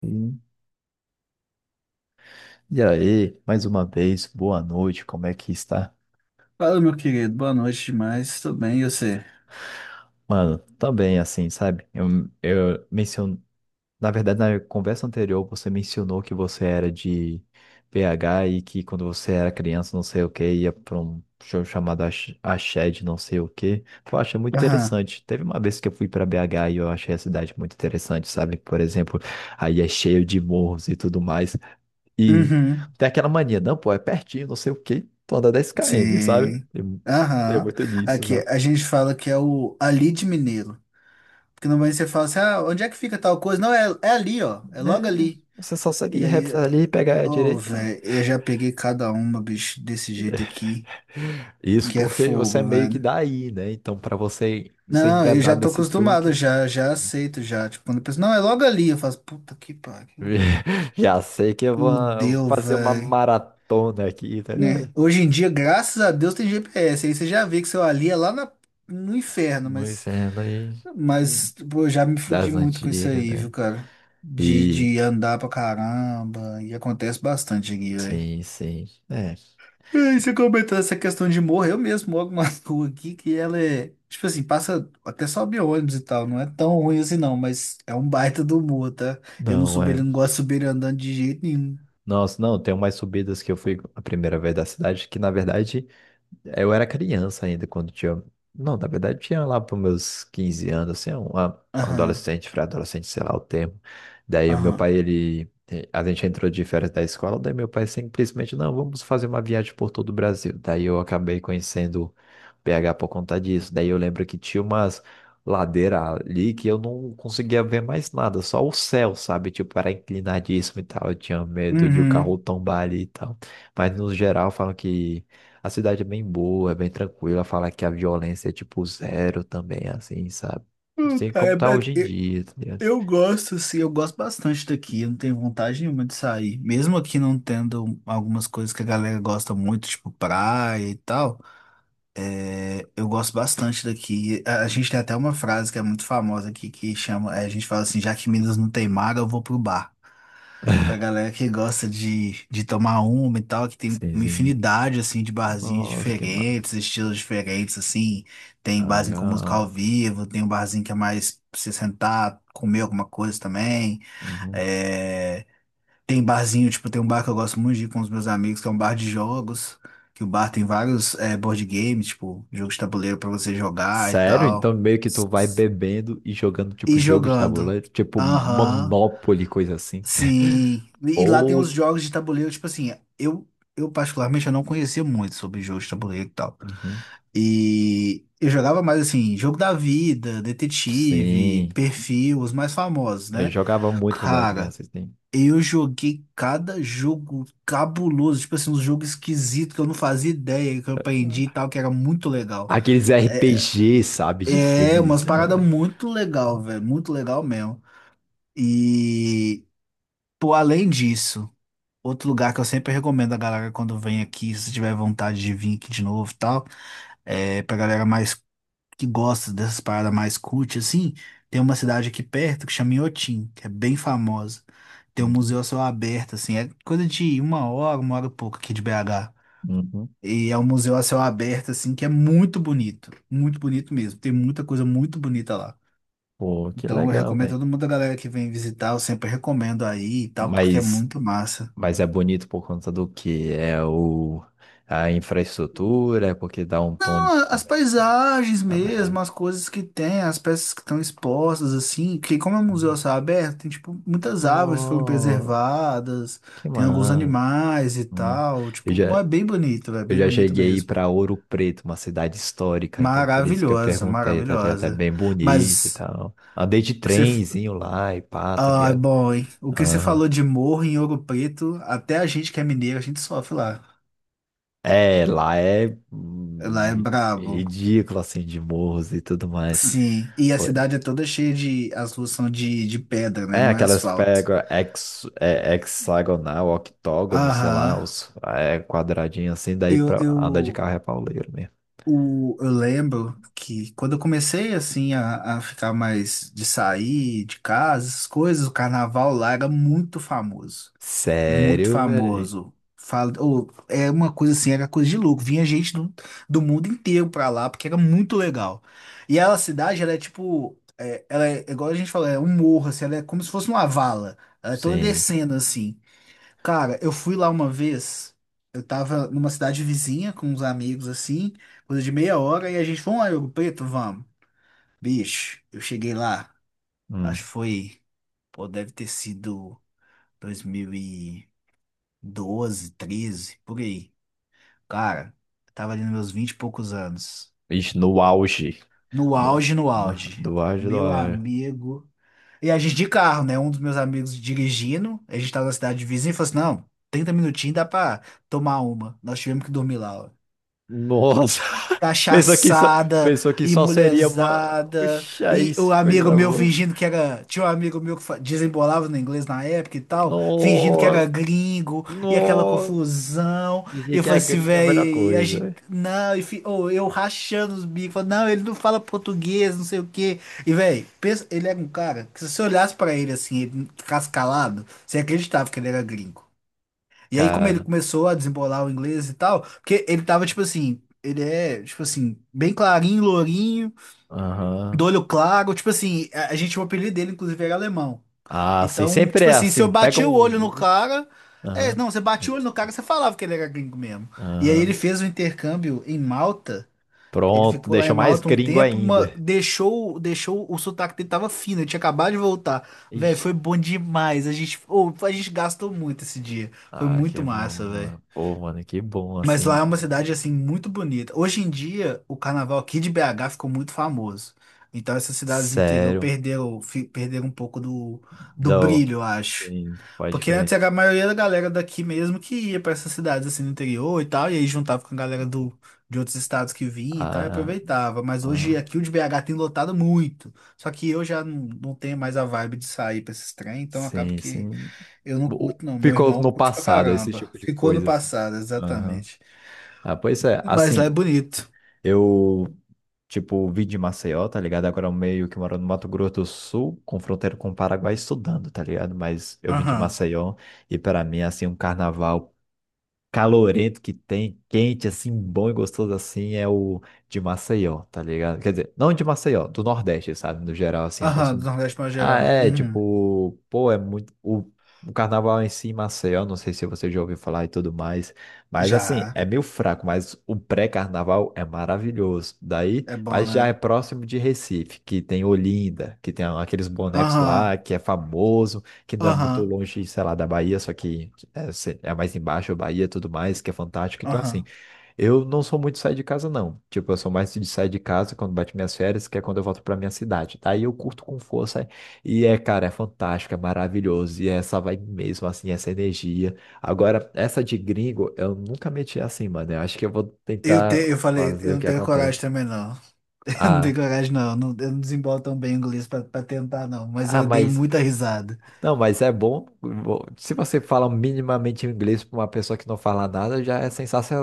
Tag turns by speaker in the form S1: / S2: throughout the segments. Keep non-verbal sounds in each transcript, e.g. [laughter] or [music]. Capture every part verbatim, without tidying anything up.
S1: Sim. E aí, mais uma vez, boa noite, como é que está?
S2: Fala, meu querido. Boa noite demais. Tudo bem, e você?
S1: Mano, também assim, sabe? Eu, eu menciono, na verdade, na conversa anterior, você mencionou que você era de B H e que quando você era criança, não sei o que, ia para um show chamado Ash- Ashed, não sei o que. Eu achei muito
S2: Aham.
S1: interessante. Teve uma vez que eu fui para B H e eu achei a cidade muito interessante, sabe? Por exemplo, aí é cheio de morros e tudo mais. E
S2: Uhum.
S1: tem aquela mania, não, pô, é pertinho, não sei o quê, tu anda dez quilômetros, sabe?
S2: Sim.
S1: Tem, tem
S2: Aham.
S1: muito disso,
S2: Aqui
S1: sabe?
S2: a gente fala que é o ali de Mineiro. Porque normalmente você fala assim, ah, onde é que fica tal coisa? Não, é, é ali, ó. É logo
S1: É,
S2: ali.
S1: você só segue
S2: E aí,
S1: reto ali, pega a
S2: ô,
S1: direita.
S2: velho, eu já peguei cada uma, bicho, desse jeito aqui,
S1: Isso
S2: que é
S1: porque você é
S2: fogo,
S1: meio que
S2: velho.
S1: daí, né? Então, pra você ser
S2: Não, eu já
S1: enganado
S2: tô
S1: desse
S2: acostumado,
S1: truque,
S2: já, já aceito, já. Tipo, quando a pessoa, não, é logo ali, eu faço, puta que pariu, velho.
S1: [laughs] já sei que eu vou
S2: Fudeu,
S1: fazer uma
S2: velho.
S1: maratona aqui, tá
S2: Né?
S1: ligado?
S2: Hoje em dia, graças a Deus, tem G P S. Aí você já vê que seu ali é lá na- no inferno,
S1: No
S2: mas,
S1: inferno aí, né?
S2: mas pô, eu já me fudi
S1: Das
S2: muito com isso
S1: antigas,
S2: aí, viu,
S1: né?
S2: cara? De,
S1: E,
S2: de andar pra caramba, e acontece bastante aqui, velho.
S1: sim, sim, é.
S2: E aí você comentou essa questão de morro, eu mesmo moro numa [laughs] rua aqui que ela é, tipo assim, passa, até sobe ônibus e tal, não é tão ruim assim não, mas é um baita do morro, tá? Eu não
S1: Não,
S2: subi, ele
S1: é.
S2: não gosto de subir ele andando de jeito nenhum.
S1: Nossa, não, tem umas subidas que eu fui a primeira vez da cidade, que na verdade eu era criança ainda quando tinha. Não, na verdade tinha lá para meus quinze anos, assim, um a- um
S2: Aham,
S1: adolescente, pré-adolescente, sei lá o termo. Daí o meu
S2: aham.
S1: pai, ele. A gente entrou de férias da escola, daí meu pai simplesmente, não, vamos fazer uma viagem por todo o Brasil. Daí eu acabei conhecendo B H por conta disso. Daí eu lembro que tinha umas ladeiras ali que eu não conseguia ver mais nada, só o céu, sabe? Tipo, era inclinadíssimo e tal. Eu tinha medo de o carro
S2: Uhum.
S1: tombar ali e tal. Mas no geral falam que a cidade é bem boa, é bem tranquila. Fala que a violência é tipo zero também, assim, sabe? Não sei como
S2: Cara,
S1: tá hoje em
S2: é, é,
S1: dia, tá ligado?
S2: eu gosto, sim, eu gosto bastante daqui. Eu não tenho vontade nenhuma de sair. Mesmo aqui não tendo algumas coisas que a galera gosta muito, tipo praia e tal, é, eu gosto bastante daqui. A, a gente tem até uma frase que é muito famosa aqui que chama: é, a gente fala assim, já que Minas não tem mar, eu vou pro bar. Pra galera que gosta de, de tomar uma e tal, que tem
S1: Sim,
S2: uma
S1: sim.
S2: infinidade, assim, de barzinhos
S1: Nossa, que mano.
S2: diferentes, estilos diferentes, assim. Tem
S1: Ah,
S2: barzinho com música
S1: legal.
S2: ao vivo, tem um barzinho que é mais pra você sentar, comer alguma coisa também.
S1: Uhum.
S2: É, tem barzinho, tipo, tem um bar que eu gosto muito de ir com os meus amigos, que é um bar de jogos, que o bar tem vários é, board games, tipo, jogos de tabuleiro pra você jogar e
S1: Sério? Então
S2: tal.
S1: meio que tu vai bebendo e jogando tipo
S2: E
S1: jogo de
S2: jogando.
S1: tabuleiro, tipo
S2: Aham.
S1: Monopoly, coisa assim.
S2: Sim.
S1: [laughs]
S2: E lá tem
S1: Pô.
S2: os jogos de tabuleiro, tipo assim, eu, eu particularmente eu não conhecia muito sobre jogos de tabuleiro e tal.
S1: Uhum.
S2: E eu jogava mais assim, jogo da vida,
S1: Sim.
S2: detetive, perfil, os mais famosos,
S1: Eu
S2: né?
S1: jogava muito quando era
S2: Cara,
S1: criança, assim.
S2: eu joguei cada jogo cabuloso, tipo assim, um jogo esquisito que eu não fazia ideia, que eu aprendi e tal, que era muito legal.
S1: Aqueles R P G, sabe? De
S2: É, é umas
S1: filmezão,
S2: paradas
S1: né?
S2: muito legal, velho, muito legal mesmo. E, pô, além disso, outro lugar que eu sempre recomendo a galera quando vem aqui, se tiver vontade de vir aqui de novo e tal, é pra galera mais que gosta dessas paradas mais cult, assim, tem uma cidade aqui perto que chama Inhotim, que é bem famosa. Tem um
S1: Uhum.
S2: museu a céu aberto, assim, é coisa de uma hora, uma hora e pouco aqui de B H.
S1: Uhum.
S2: E é um museu a céu aberto, assim, que é muito bonito, muito bonito mesmo. Tem muita coisa muito bonita lá.
S1: Pô, que
S2: Então eu
S1: legal.
S2: recomendo a todo mundo, a galera que vem visitar, eu sempre recomendo aí e tal, porque é
S1: Mas,
S2: muito massa.
S1: mas é bonito por conta do que? É o, a infraestrutura, é porque dá um tom de.
S2: Não, as paisagens
S1: Na
S2: mesmo,
S1: verdade.
S2: as coisas que tem, as peças que estão expostas, assim, que como é um museu a céu aberto, tem, tipo, muitas árvores foram
S1: Nossa,
S2: preservadas,
S1: que
S2: tem alguns
S1: massa.
S2: animais e
S1: Hum.
S2: tal,
S1: Eu
S2: tipo,
S1: já,
S2: é bem bonito, é
S1: eu
S2: bem
S1: já
S2: bonito
S1: cheguei
S2: mesmo.
S1: para Ouro Preto, uma cidade histórica, então por isso que eu
S2: Maravilhosa,
S1: perguntei, tá ligado? É
S2: maravilhosa.
S1: bem bonito e
S2: Mas, o
S1: tal. Andei de
S2: que você...
S1: trenzinho lá e pá, tá
S2: Ah,
S1: ligado?
S2: bom, hein? O que você falou
S1: Aham.
S2: de morro em Ouro Preto, até a gente que é mineiro, a gente sofre lá.
S1: É, lá é
S2: Lá
S1: hum,
S2: é brabo.
S1: ridículo assim de morros e tudo mais.
S2: Sim, e a cidade é toda cheia de. As ruas são de, de pedra, né?
S1: É,
S2: Não é
S1: aquelas
S2: asfalto.
S1: pega hex, é, hexagonal, octógono, sei
S2: Aham.
S1: lá, os é, quadradinho assim, daí
S2: Eu,
S1: pra andar de
S2: eu,
S1: carro é pauleiro mesmo.
S2: o, eu lembro que quando eu comecei assim a, a ficar mais de sair de casa, essas coisas, o carnaval lá era muito famoso. Muito
S1: Sério, velho?
S2: famoso. Fala, ou, é uma coisa assim, era coisa de louco. Vinha gente do, do mundo inteiro pra lá, porque era muito legal. E ela, a cidade, ela é tipo. É- ela é, igual a gente falou, é um morro, assim, ela é como se fosse uma vala. Ela é toda
S1: Sim.
S2: descendo assim. Cara, eu fui lá uma vez. Eu tava numa cidade vizinha com uns amigos assim, coisa de meia hora, e a gente, vamos lá, Ouro Preto, vamos. Bicho, eu cheguei lá, acho
S1: Hum.
S2: que foi, pô, deve ter sido dois mil e doze, treze, por aí. Cara, eu tava ali nos meus vinte e poucos anos.
S1: Ixi, no auge.
S2: No
S1: No,
S2: auge, no
S1: no,
S2: auge.
S1: do auge, do
S2: Meu
S1: auge.
S2: amigo. E a gente de carro, né? Um dos meus amigos dirigindo, a gente tava na cidade vizinha e falou assim: não, trinta minutinhos dá pra tomar uma. Nós tivemos que dormir lá.
S1: Nossa! [laughs] Pensou que só,
S2: Cachaçada
S1: pensou que
S2: e
S1: só seria uma.
S2: mulherzada.
S1: Oxa, aí,
S2: E o
S1: que
S2: amigo
S1: coisa
S2: meu
S1: boa.
S2: fingindo que era. Tinha um amigo meu que fa- desembolava no inglês na época e tal, fingindo que era
S1: Nossa!
S2: gringo e aquela
S1: Nossa!
S2: confusão. E
S1: Pensei
S2: eu
S1: que a
S2: falei assim,
S1: gringa é a
S2: velho,
S1: melhor
S2: e a
S1: coisa,
S2: gente.
S1: velho.
S2: Não, e fi- ô, eu rachando os bicos, falando, não, ele não fala português, não sei o quê. E, velho, ele era um cara que se você olhasse pra ele assim, ele cascalado, você acreditava que ele era gringo. E aí, como ele
S1: Cara.
S2: começou a desembolar o inglês e tal, porque ele tava, tipo assim, ele é, tipo assim, bem clarinho, lourinho, do
S1: Aham.
S2: olho claro, tipo assim, a, a gente, o apelido dele, inclusive, era alemão.
S1: Ah, sim,
S2: Então,
S1: sempre
S2: tipo
S1: é
S2: assim, se eu
S1: assim. Pega
S2: bati o olho no
S1: um.
S2: cara, é,
S1: Aham.
S2: não, você batia o olho no cara, você falava que ele era gringo mesmo. E aí ele
S1: Aham.
S2: fez o intercâmbio em Malta, ele
S1: Pronto,
S2: ficou lá em
S1: deixou mais
S2: Malta um
S1: gringo
S2: tempo, ma-
S1: ainda.
S2: deixou, deixou, o sotaque dele tava fino, ele tinha acabado de voltar. Velho,
S1: Ixi.
S2: foi bom demais, a gente, ô, a gente gastou muito esse dia, foi
S1: Ah, que
S2: muito
S1: bom,
S2: massa, velho.
S1: mano. Pô, mano, que bom,
S2: Mas lá
S1: assim.
S2: é uma cidade assim muito bonita. Hoje em dia, o carnaval aqui de B H ficou muito famoso. Então essas cidades do interior
S1: Sério.
S2: perderam, fi- perderam um pouco do, do
S1: Não.
S2: brilho, eu acho.
S1: Sim, pode
S2: Porque antes
S1: crer.
S2: era a maioria da galera daqui mesmo que ia para essas cidades assim no interior e tal, e aí juntava com a galera do, de outros estados que vinha e tal, e
S1: Ah,
S2: aproveitava. Mas hoje
S1: ah,
S2: aqui o de B H tem lotado muito. Só que eu já não, não tenho mais a vibe de sair para esses trem, então acaba
S1: sim,
S2: que
S1: sim.
S2: eu não
S1: O-
S2: curto, não. Meu
S1: Ficou
S2: irmão
S1: no
S2: curte pra
S1: passado, esse
S2: caramba.
S1: tipo de
S2: Ficou no
S1: coisa, assim.
S2: passado,
S1: Aham.
S2: exatamente.
S1: Ah, pois é,
S2: Mas lá é
S1: assim,
S2: bonito.
S1: eu Tipo, vim de Maceió, tá ligado? Agora eu meio que moro no Mato Grosso do Sul, com fronteira com o Paraguai, estudando, tá ligado? Mas eu vim de
S2: Aham.
S1: Maceió e para mim, assim, um carnaval calorento que tem, quente, assim, bom e gostoso assim, é o de Maceió, tá ligado? Quer dizer, não de Maceió, do Nordeste, sabe? No geral, assim, eu gosto
S2: Aham, do
S1: muito.
S2: Nordeste para
S1: Ah,
S2: geral.
S1: é,
S2: Uhum.
S1: tipo, pô, é muito. O, o carnaval em si, em Maceió, não sei se você já ouviu falar e tudo mais, mas assim,
S2: Já.
S1: é meio fraco, mas o pré-carnaval é maravilhoso. Daí,
S2: É bom,
S1: mas já é
S2: né?
S1: próximo de Recife, que tem Olinda, que tem aqueles bonecos
S2: Aham.
S1: lá, que é famoso, que não é muito
S2: Aham.
S1: longe, sei lá, da Bahia, só que é, se- é mais embaixo, Bahia e tudo mais, que é fantástico. Então, assim,
S2: Aham.
S1: eu não sou muito de sair de casa, não. Tipo, eu sou mais de sair de casa quando bate minhas férias, que é quando eu volto pra minha cidade. Daí eu curto com força e é, cara, é fantástico, é maravilhoso. E é essa vibe mesmo, assim, essa energia. Agora, essa de gringo, eu nunca meti assim, mano. Eu acho que eu vou
S2: Eu, te,
S1: tentar
S2: eu falei,
S1: fazer
S2: eu
S1: o
S2: não
S1: que
S2: tenho
S1: acontece.
S2: coragem também, não. [laughs] Eu não tenho
S1: Ah,
S2: coragem, não. Eu não, eu não desembolo tão bem o inglês pra, pra tentar, não. Mas
S1: ah,
S2: eu dei
S1: mas.
S2: muita risada.
S1: Não, mas é bom. bom, Se você fala minimamente inglês para uma pessoa que não fala nada, já é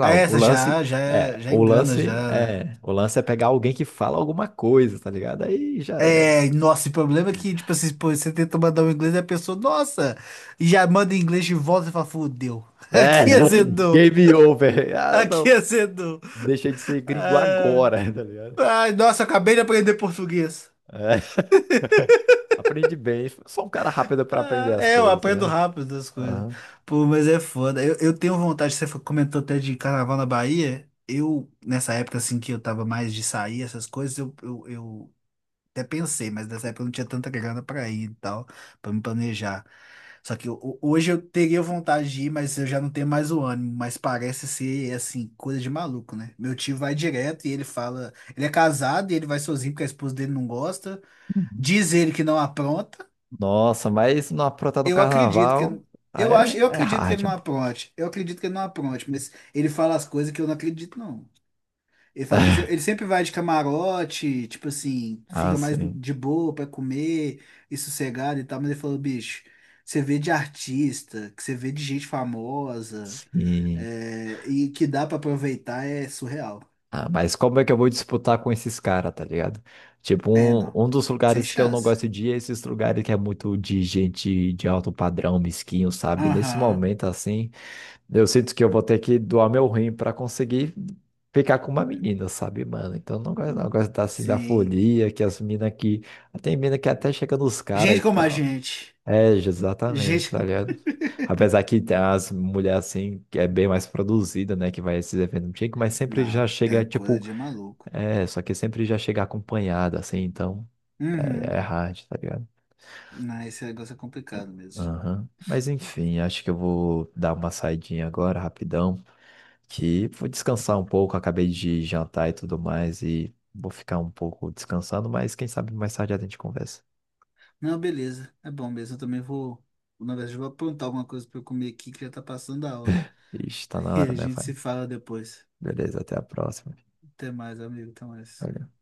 S2: Ah,
S1: O
S2: essa
S1: lance
S2: já, já,
S1: é,
S2: já
S1: o
S2: engana,
S1: lance
S2: já, né?
S1: é, o lance é pegar alguém que fala alguma coisa, tá ligado? Aí já era.
S2: É, nossa, o problema é que, tipo assim, pô, você tenta mandar um inglês e a pessoa, nossa, e já manda em inglês de volta e fala, fudeu. [laughs]
S1: É,
S2: Aqui
S1: [laughs]
S2: azedou.
S1: game over. Ah,
S2: Aqui
S1: não,
S2: azedou.
S1: deixei de ser gringo agora, [laughs] tá ligado?
S2: Ai, nossa, acabei de aprender português.
S1: É. [laughs] Aprendi bem. Sou um cara rápido para aprender
S2: Ah,
S1: as
S2: é, eu
S1: coisas, tá
S2: aprendo
S1: ligado?
S2: rápido as coisas.
S1: Aham.
S2: Pô, mas é foda. Eu, eu tenho vontade, você comentou até de carnaval na Bahia. Eu, nessa época assim que eu tava mais de sair, essas coisas, eu, eu, eu até pensei, mas nessa época eu não tinha tanta grana pra ir e tal, pra me planejar. Só que ho- hoje eu teria vontade de ir, mas eu já não tenho mais o ânimo. Mas parece ser, assim, coisa de maluco, né? Meu tio vai direto e ele fala. Ele é casado e ele vai sozinho porque a esposa dele não gosta.
S1: Uhum.
S2: Diz ele que não apronta.
S1: Nossa, mas não aprontar no
S2: Eu acredito
S1: carnaval
S2: que eu acho, eu
S1: é, é
S2: acredito que ele não
S1: hard.
S2: apronte. Eu acredito que ele não apronte, mas ele fala as coisas que eu não acredito não. Ele fala que se-
S1: [laughs]
S2: ele sempre vai de camarote, tipo assim,
S1: Ah,
S2: fica mais
S1: sim.
S2: de boa pra comer e sossegado e tal, mas ele falou, bicho, você vê de artista, que você vê de gente famosa,
S1: Sim.
S2: é, e que dá pra aproveitar é surreal.
S1: Ah, mas como é que eu vou disputar com esses caras, tá ligado? Tipo,
S2: É, não.
S1: um, um dos
S2: Sem
S1: lugares que eu não
S2: chance.
S1: gosto de ir é esses lugares que é muito de gente de alto padrão, mesquinho, sabe? Nesse
S2: Aham.
S1: momento, assim, eu sinto que eu vou ter que doar meu rim pra conseguir ficar com uma menina, sabe, mano? Então, eu não gosto, não eu gosto da, assim, da
S2: Sim.
S1: folia, que as minas que... Tem mina que até chega nos caras
S2: Gente
S1: e
S2: como a
S1: tal.
S2: gente.
S1: É, exatamente, tá
S2: Gente.
S1: ligado? Apesar que tem as mulheres assim, que é bem mais produzida, né? Que vai a esses eventos antigos, mas sempre já
S2: Não, tem
S1: chega,
S2: uma coisa
S1: tipo,
S2: de maluco.
S1: é, só que sempre já chega acompanhado, assim, então
S2: Uhum.
S1: é, é hard, tá ligado?
S2: Não, esse negócio é complicado mesmo.
S1: Aham. Mas enfim, acho que eu vou dar uma saidinha agora, rapidão, que vou descansar um pouco, acabei de jantar e tudo mais, e vou ficar um pouco descansando, mas quem sabe mais tarde a gente conversa.
S2: Não, beleza. É bom mesmo. Eu também vou. Na verdade, eu vou aprontar alguma coisa pra eu comer aqui que já tá passando a hora.
S1: Ixi, tá
S2: [laughs]
S1: na
S2: E
S1: hora,
S2: a
S1: né,
S2: gente
S1: vai?
S2: se fala depois.
S1: Beleza, até a próxima.
S2: Até mais, amigo. Até mais.
S1: Valeu.